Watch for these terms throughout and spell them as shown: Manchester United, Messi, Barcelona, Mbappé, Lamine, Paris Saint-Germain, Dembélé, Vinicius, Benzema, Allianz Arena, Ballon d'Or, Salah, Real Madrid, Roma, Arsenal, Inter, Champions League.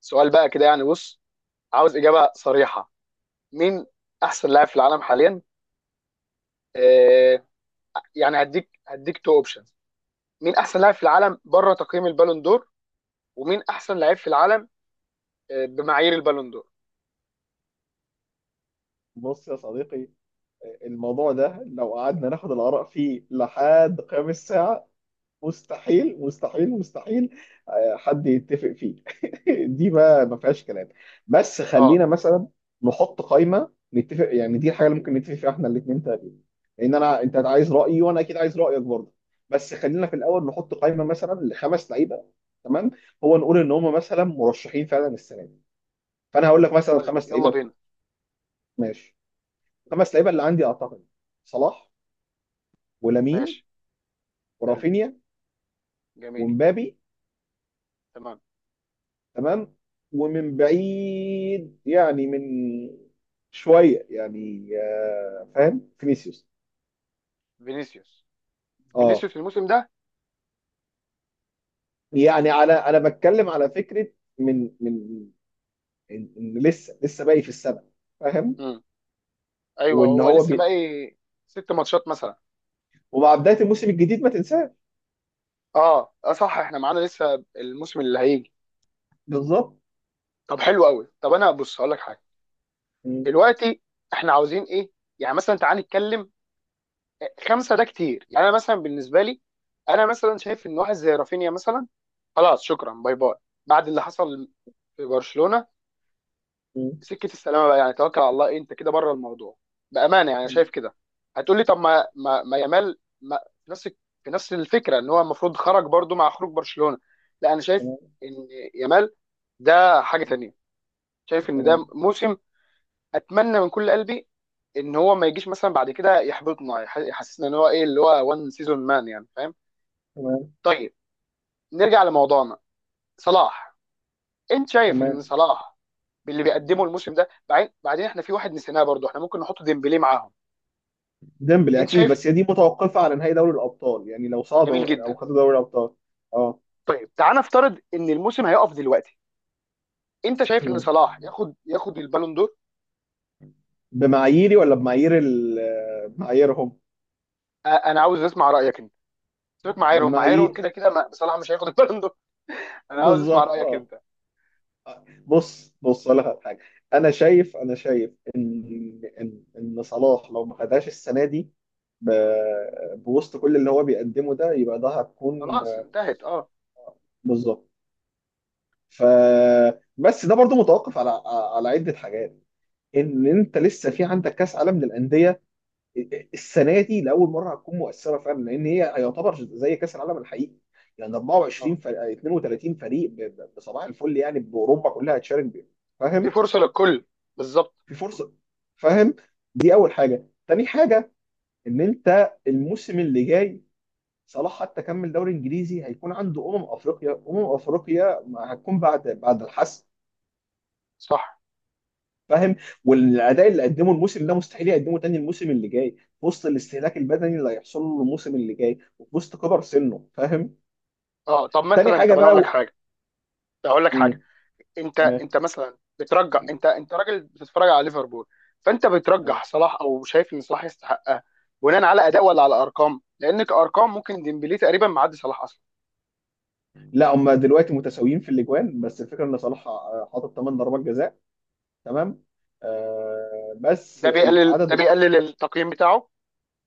سؤال بقى كده يعني بص. عاوز اجابه صريحه. مين احسن لاعب في العالم حاليا؟ آه. يعني هديك تو اوبشنز. مين احسن لاعب في العالم بره تقييم البالون دور؟ ومين احسن لاعب في العالم بمعايير البالون دور؟ بص يا صديقي، الموضوع ده لو قعدنا ناخد الآراء فيه لحد قيام الساعة. مستحيل مستحيل مستحيل، آه، حد يتفق فيه. دي ما فيهاش كلام. بس اه، خلينا مثلا نحط قائمة نتفق، يعني دي الحاجة اللي ممكن نتفق فيها احنا الاثنين تقريبا. لأن أنت عايز رأيي، وأنا أكيد عايز رأيك برضه. بس خلينا في الأول نحط قائمة مثلا لخمس لعيبة. تمام. هو نقول إن هم مثلا مرشحين فعلا السنة دي. فأنا هقول لك مثلا طيب الخمس يلا لعيبة بينا. بتوع. ماشي. خمس لعيبه اللي عندي، اعتقد صلاح، ولامين، ماشي، حلو، ورافينيا، جميل، ومبابي. تمام. تمام. ومن بعيد يعني، من شويه يعني، فاهم، فينيسيوس. فينيسيوس. اه. فينيسيوس الموسم ده. يعني، على، انا بتكلم على فكره من إن لسه باقي في السبع، فاهم. امم ايوه، وان هو هو لسه بي... باقي ست ماتشات مثلا. ومع بدايه الموسم الجديد ما تنساه. اه، اه، صح، احنا معانا لسه الموسم اللي هيجي. بالظبط. طب حلو قوي. طب انا بص هقول لك حاجه. م- دلوقتي احنا عاوزين ايه؟ يعني مثلا تعال نتكلم. خمسه ده كتير. يعني انا مثلا بالنسبه لي، انا مثلا شايف ان واحد زي رافينيا مثلا خلاص، شكرا، باي باي، بعد اللي حصل في برشلونه. م. سكه السلامه بقى، يعني توكل على الله، إيه انت كده بره الموضوع؟ بامانه يعني أنا تمام. شايف كده. هتقول لي طب ما يامال ما في نفس في نفس الفكره ان هو المفروض خرج برضو مع خروج برشلونه. لا، انا شايف تمام. ان يامال ده حاجه تانيه. شايف ان ده تمام. موسم اتمنى من كل قلبي ان هو ما يجيش مثلا بعد كده يحبطنا يحسسنا ان هو ايه اللي هو وان سيزون مان، يعني فاهم. تمام. طيب نرجع لموضوعنا. صلاح. انت شايف ان تمام. صلاح باللي بيقدمه تمام. الموسم ده؟ بعدين احنا في واحد نسيناه برضو، احنا ممكن نحط ديمبلي معاهم. ديمبلي انت اكيد، شايف؟ بس هي دي متوقفه على نهائي دوري الابطال، يعني لو جميل صعدوا او جدا. خدوا دوري الابطال. اه. طيب تعال نفترض ان الموسم هيقف دلوقتي. انت شايف ان صلاح مم. ياخد البالون دور؟ بمعاييري ولا بمعايير معاييرهم؟ انا عاوز اسمع رايك انت. سيبك، معايرهم معايرهم بمعايير. كده كده صلاح مش هياخد البالون دور. انا عاوز اسمع بالظبط. رايك اه. انت. بص بص، اقول لك على حاجه. انا شايف ان صلاح لو ما خدهاش السنه دي ب... بوسط كل اللي هو بيقدمه ده، يبقى ده هتكون. خلاص انتهت، اه. بالظبط. ف بس ده برضو متوقف على عده حاجات. ان انت لسه في عندك كاس عالم للانديه، السنه دي لاول مره هتكون مؤثره فعلا، لان هي يعتبر زي كاس العالم الحقيقي. يعني 24 اه. فريق، 32 فريق، بصباح الفل، يعني باوروبا كلها هتشارك بيه. في فاهم. فرصه للكل، بالظبط. في فرصه. فاهم. دي اول حاجه. تاني حاجه، ان انت الموسم اللي جاي، صلاح حتى كمل دوري انجليزي، هيكون عنده افريقيا. افريقيا ما هتكون بعد الحسم. صح. فاهم. والاداء اللي قدمه الموسم ده مستحيل يقدمه تاني الموسم اللي جاي، في وسط الاستهلاك البدني اللي هيحصل له الموسم اللي جاي، وفي وسط كبر سنه. فاهم. اه، طب تاني مثلا، حاجه طب انا اقول بقى لك حاجه. اقول لك حاجه. مم. انت تمام. انت مثلا بترجح، انت راجل بتتفرج على ليفربول. فانت تمام. بترجح صلاح او شايف ان صلاح يستحقها بناء على اداء ولا على ارقام؟ لان كارقام ممكن ديمبلي تقريبا معدي صلاح اصلا. لا، هم دلوقتي متساويين في الاجوان، بس الفكره ان صلاح حاطط 8 ضربات جزاء. تمام. بس ده بيقلل العدد ده بيقلل التقييم بتاعه.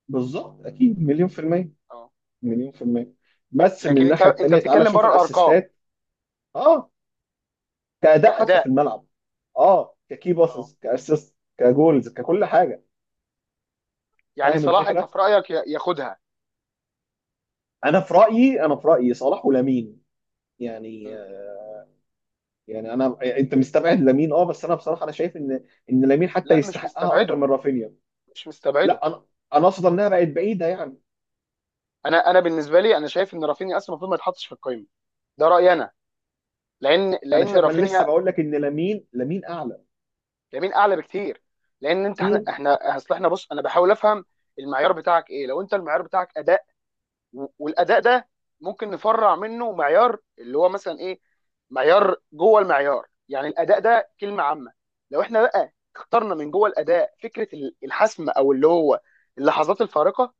بالظبط اكيد، مليون في الميه، اه. مليون في الميه. بس من لكن انت الناحيه انت التانيه، تعالى بتتكلم شوف بره الارقام. الاسيستات. اه. كأداء حتى في كاداء. الملعب. اه. ككي اه. باسز، كاسيست، كجولز، ككل حاجه. يعني فاهم صلاح انت الفكره. في رايك ياخدها؟ انا في رايي صلاح ولامين. يعني مم. آه، يعني انت مستبعد لامين. اه. بس انا بصراحه، انا شايف ان لامين حتى لا، مش يستحقها اكتر مستبعده، من رافينيا. مش مستبعده. لا، انا اقصد انها بقت بعيده يعني. انا بالنسبه لي، انا شايف ان رافينيا اصلا المفروض ما يتحطش في القائمه. ده رايي انا. لان انا لان شايف، ما انا لسه رافينيا، بقول لك ان لامين لامين اعلى. لامين اعلى بكتير. لان انت، احنا مم. احنا اصل، احنا بص، انا بحاول افهم المعيار بتاعك ايه. لو انت المعيار بتاعك اداء، والاداء ده ممكن نفرع منه معيار اللي هو مثلا ايه. معيار جوه المعيار، يعني الاداء ده كلمه عامه. لو احنا بقى اخترنا من جوه الاداء فكره الحسم او اللي هو اللحظات الفارقه،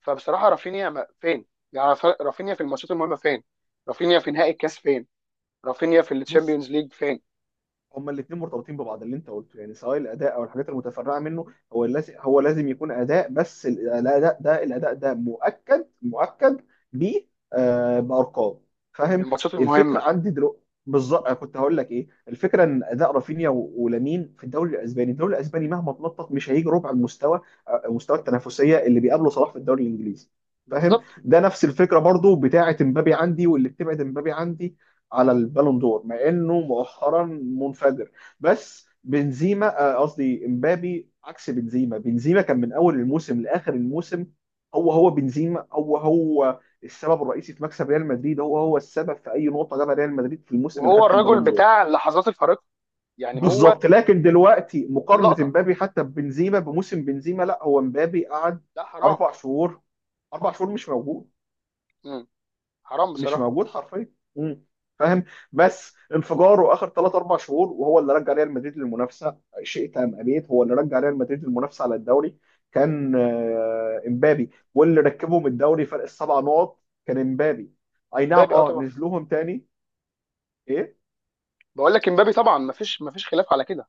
فبصراحه رافينيا فين؟ يعني رافينيا في الماتشات المهمه فين؟ رافينيا في نهائي الكاس فين؟ رافينيا في بص، الشامبيونز ليج فين؟ هما الاثنين مرتبطين ببعض اللي انت قلته، يعني سواء الاداء او الحاجات المتفرعه منه. هو لازم يكون اداء، بس الاداء ده مؤكد مؤكد ب آه، بارقام. فاهم. الماتشات الفكره المهمه، عندي دلوقتي بالظبط، كنت هقول لك ايه الفكره. ان اداء رافينيا ولامين في الدوري الاسباني، الدوري الاسباني مهما تنطط مش هيجي ربع المستوى مستوى التنافسيه اللي بيقابله صلاح في الدوري الانجليزي. فاهم. بالظبط. ده نفس الفكره برضو بتاعه امبابي عندي، واللي بتبعد امبابي عندي على البالون دور، مع انه مؤخرا منفجر. بس بنزيما آه، قصدي امبابي عكس بنزيما. بنزيما كان من اول الموسم لاخر الموسم. هو بنزيما، هو السبب الرئيسي في مكسب ريال مدريد. هو السبب في اي نقطه جابها ريال مدريد في الموسم اللي وهو خد فيه الرجل البالون دور. بتاع اللحظات الفارقه، يعني هو بالظبط. لكن دلوقتي مقارنه اللقطه. امبابي حتى ببنزيما بموسم بنزيما، لا. هو امبابي قعد لا، حرام. 4 شهور، 4 شهور مش موجود، مم. حرام مش بصراحه. موجود حرفيا. مم. فاهم. ب- بس انفجاره اخر ثلاث اربع شهور، وهو اللي رجع ريال مدريد للمنافسه. شيء تام ابيت، هو اللي رجع ريال مدريد للمنافسه على الدوري. كان امبابي، واللي ركبهم الدوري فرق 7 نقط. كان امبابي. اي نعم. امبابي، اه، اه، طبعا. نزلوهم تاني. ايه. بقول لك امبابي طبعا، مفيش خلاف على كده.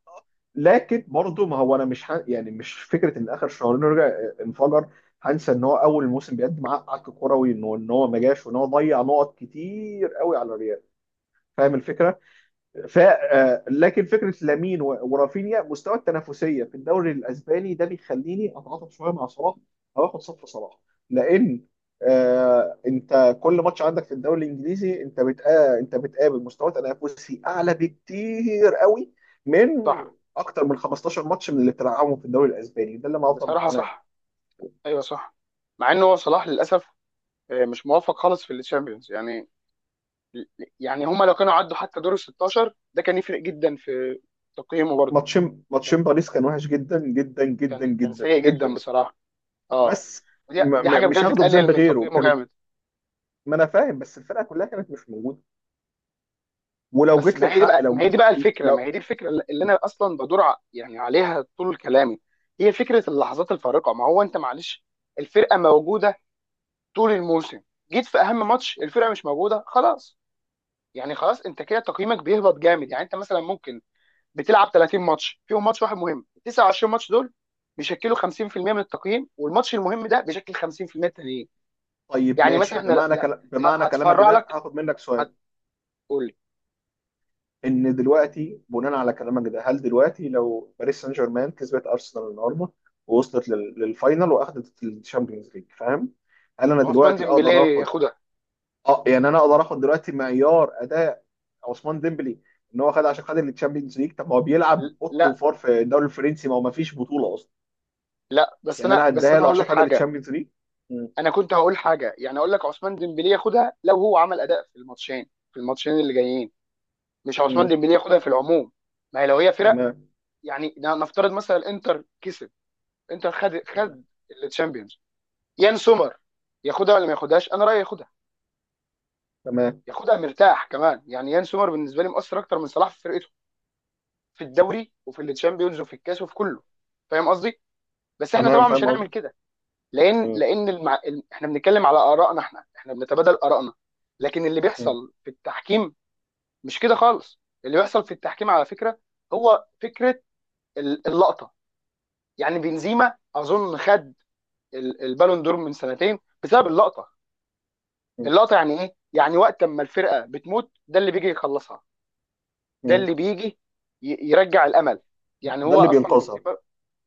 لكن برضه، ما هو انا مش ه... يعني مش فكره ان اخر شهرين رجع انفجر. هنسى ان هو اول موسم بيقدم عك كروي، ان هو ما جاش، وان هو ضيع نقط كتير قوي على الريال. فاهم الفكره. ف آه، لكن فكره لامين ورافينيا، مستوى التنافسيه في الدوري الاسباني ده بيخليني اتعاطف شويه مع صلاح، او اخد صف صلاح. لان انت كل ماتش عندك في الدوري الانجليزي، انت انت بتقابل مستوى تنافسي اعلى بكتير قوي، من صح اكتر من 15 ماتش من اللي بتلعبهم في الدوري الاسباني، ده اللي انا افضل بصراحه، مقتنع بيه. صح، ايوه، صح. مع ان هو صلاح للاسف مش موفق خالص في الشامبيونز، يعني. يعني هما لو كانوا عدوا حتى دور ال 16 ده كان يفرق جدا في تقييمه برضه. ماتشين، كان ماتشين باريس كان وحش جدا جدا جدا كان جدا سيء جدا جدا. بصراحه. اه. بس دي دي حاجه مش بجد هاخده تقلل بذنب من غيره تقييمه كانت. جامد. ما انا فاهم، بس الفرقه كلها كانت مش موجوده. ولو بس جيت ما هي دي للحق بقى ما هي لو دي بقى الفكره، ما لو هي دي الفكره اللي انا اصلا بدور يعني عليها طول كلامي. هي فكره اللحظات الفارقه. ما هو انت معلش، الفرقه موجوده طول الموسم، جيت في اهم ماتش الفرقه مش موجوده، خلاص. يعني خلاص انت كده تقييمك بيهبط جامد. يعني انت مثلا ممكن بتلعب 30 ماتش، فيهم ماتش واحد مهم، 29 ماتش دول بيشكلوا 50% من التقييم، والماتش المهم ده بيشكل 50% التانيين. طيب يعني مثلا ماشي، احنا، لا، بمعنى لا، بمعنى كلامك هتفرع ده لك، هاخد منك سؤال. هتقول لي ان دلوقتي بناء على كلامك ده، هل دلوقتي لو باريس سان جيرمان كسبت ارسنال النهارده، ووصلت للفاينل، واخدت الشامبيونز ليج، فاهم، هل انا عثمان دلوقتي اقدر ديمبلي اخد؟ ياخدها. اه، يعني انا اقدر اخد دلوقتي معيار اداء عثمان ديمبلي، ان هو خد عشان خد الشامبيونز ليج. طب ما هو بيلعب اوضه لا، وفار في الدوري الفرنسي، ما هو ما فيش بطوله اصلا. لا، بس يعني انا انا بس هديها انا له هقول عشان لك خد حاجه. الشامبيونز ليج. انا كنت هقول حاجه، يعني اقول لك عثمان ديمبلي ياخدها لو هو عمل اداء في الماتشين اللي جايين. مش عثمان مم. ديمبلي ياخدها في العموم. ما هي لو هي فرق. تمام. يعني نفترض مثلا الانتر كسب. انتر خد تمام. خد التشامبيونز، يان سومر ياخدها ولا ما ياخدهاش؟ انا رايي ياخدها. تمام. ياخدها مرتاح كمان. يعني يان سومر بالنسبه لي مؤثر اكتر من صلاح في فرقته، في الدوري وفي التشامبيونز وفي الكاس وفي كله. فاهم قصدي. بس احنا تمام. طبعا مش فاهم هنعمل قصدي. كده، لان مم. لان احنا بنتكلم على ارائنا، احنا بنتبادل ارائنا. لكن اللي مم. بيحصل في التحكيم مش كده خالص. اللي بيحصل في التحكيم على فكره هو فكره اللقطه. يعني بنزيما اظن خد البالون دور من سنتين بسبب اللقطه. مم. اللقطه يعني ايه؟ يعني وقت ما الفرقه بتموت، ده اللي بيجي يخلصها، ده مم. اللي بيجي يرجع الامل. يعني ده هو اللي اصلا بينقذها. بنزيما،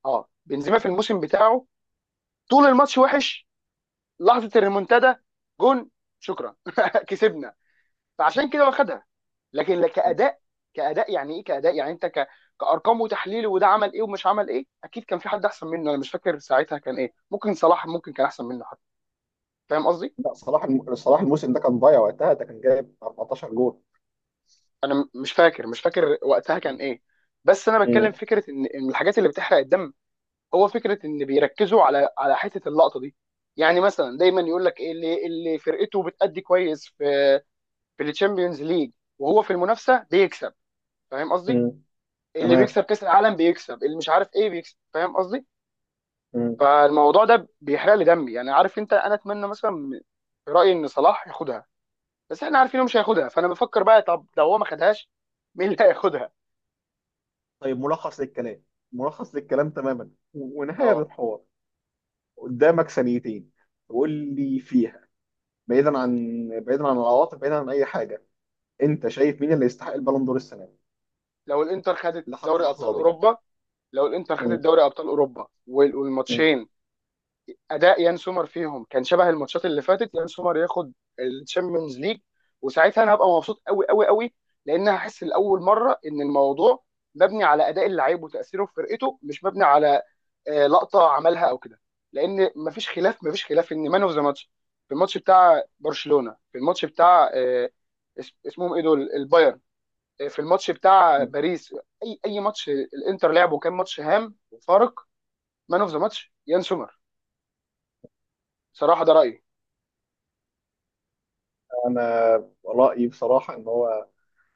اه، بنزيما في الموسم بتاعه طول الماتش وحش، لحظه الريمونتادا، جون، شكرا، كسبنا. فعشان كده واخدها. لكن لا مم. كاداء. كاداء يعني ايه؟ كاداء يعني انت كارقام وتحليل وده عمل ايه ومش عمل ايه. اكيد كان في حد احسن منه، انا مش فاكر ساعتها كان ايه، ممكن صلاح ممكن كان احسن منه حتى. فاهم قصدي. لا صلاح صلاح الموسم ده كان ضايع وقتها، ده كان جايب 14 جول. انا مش فاكر، مش فاكر وقتها كان مم. ايه. بس انا بتكلم مم. فكره ان الحاجات اللي بتحرق الدم هو فكره ان بيركزوا على حته اللقطه دي. يعني مثلا دايما يقول لك ايه، اللي فرقته بتأدي كويس في في الشامبيونز ليج وهو في المنافسه بيكسب، فاهم قصدي؟ مم. اللي تمام. بيكسب كاس العالم بيكسب، اللي مش عارف ايه بيكسب، فاهم قصدي. مم. فالموضوع ده بيحرق لي دمي، يعني عارف انت، انا اتمنى مثلا في رايي ان صلاح ياخدها. بس احنا عارفين انه مش هياخدها، فانا بفكر بقى طب لو هو ما خدهاش، مين اللي هياخدها. طيب ملخص للكلام، ملخص للكلام تماما ونهاية اه. للحوار. قدامك ثانيتين تقول لي فيها، بعيدا عن بعيدا عن العواطف، بعيدا عن اي حاجه، انت شايف مين اللي يستحق البالون دور السنه دي؟ لو الانتر خدت لحد دوري ابطال اللحظه دي. اوروبا، لو الانتر خدت مم. دوري ابطال اوروبا مم. والماتشين اداء يان سومر فيهم كان شبه الماتشات اللي فاتت، يان سومر ياخد الشامبيونز ليج. وساعتها انا هبقى مبسوط قوي قوي قوي، لان هحس لاول مره ان الموضوع مبني على اداء اللعيب وتاثيره في فرقته، مش مبني على لقطه عملها او كده. لان مفيش خلاف، مفيش خلاف ان مان اوف ذا ماتش في الماتش بتاع برشلونه، في الماتش بتاع اسمهم ايه دول؟ البايرن. في الماتش بتاع مم. باريس، اي ماتش الانتر لعبه كان ماتش هام وفارق، مان اوف ذا ماتش يان سومر. صراحه ده رايي. انا رايي بصراحه ان هو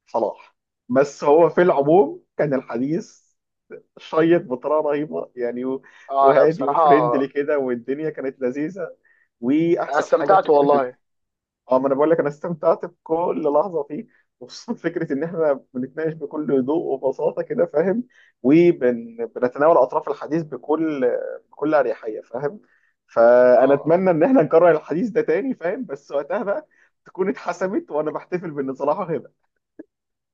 صلاح. بس هو في العموم كان الحديث شيق بطريقه رهيبه، يعني اه، انا وهادي بصراحه وفريندلي كده، والدنيا كانت لذيذه. أنا واحسن حاجه استمتعت فكره. والله. اه، ما انا بقول لك انا استمتعت بكل لحظه فيه، وخصوصا فكره ان احنا بنتناقش بكل هدوء وبساطه كده، فاهم. وبنتناول اطراف الحديث بكل اريحيه، فاهم. اه، فانا اه. اتمنى ان احنا نكرر الحديث ده تاني، فاهم. بس وقتها بقى تكون اتحسمت، وانا بحتفل بان صلاح هيبقى.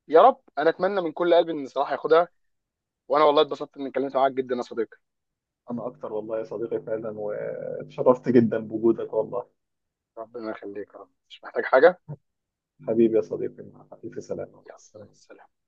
يا رب، انا اتمنى من كل قلبي ان صلاح ياخدها. وانا والله اتبسطت اني اتكلمت معاك جدا يا صديقي. أنا أكتر والله يا صديقي، فعلا واتشرفت جدا بوجودك، والله. ربنا يخليك، يا رب مش محتاج حاجه. حبيبي يا صديقي، مع ألف سلامة. يلا مع السلام. السلامه.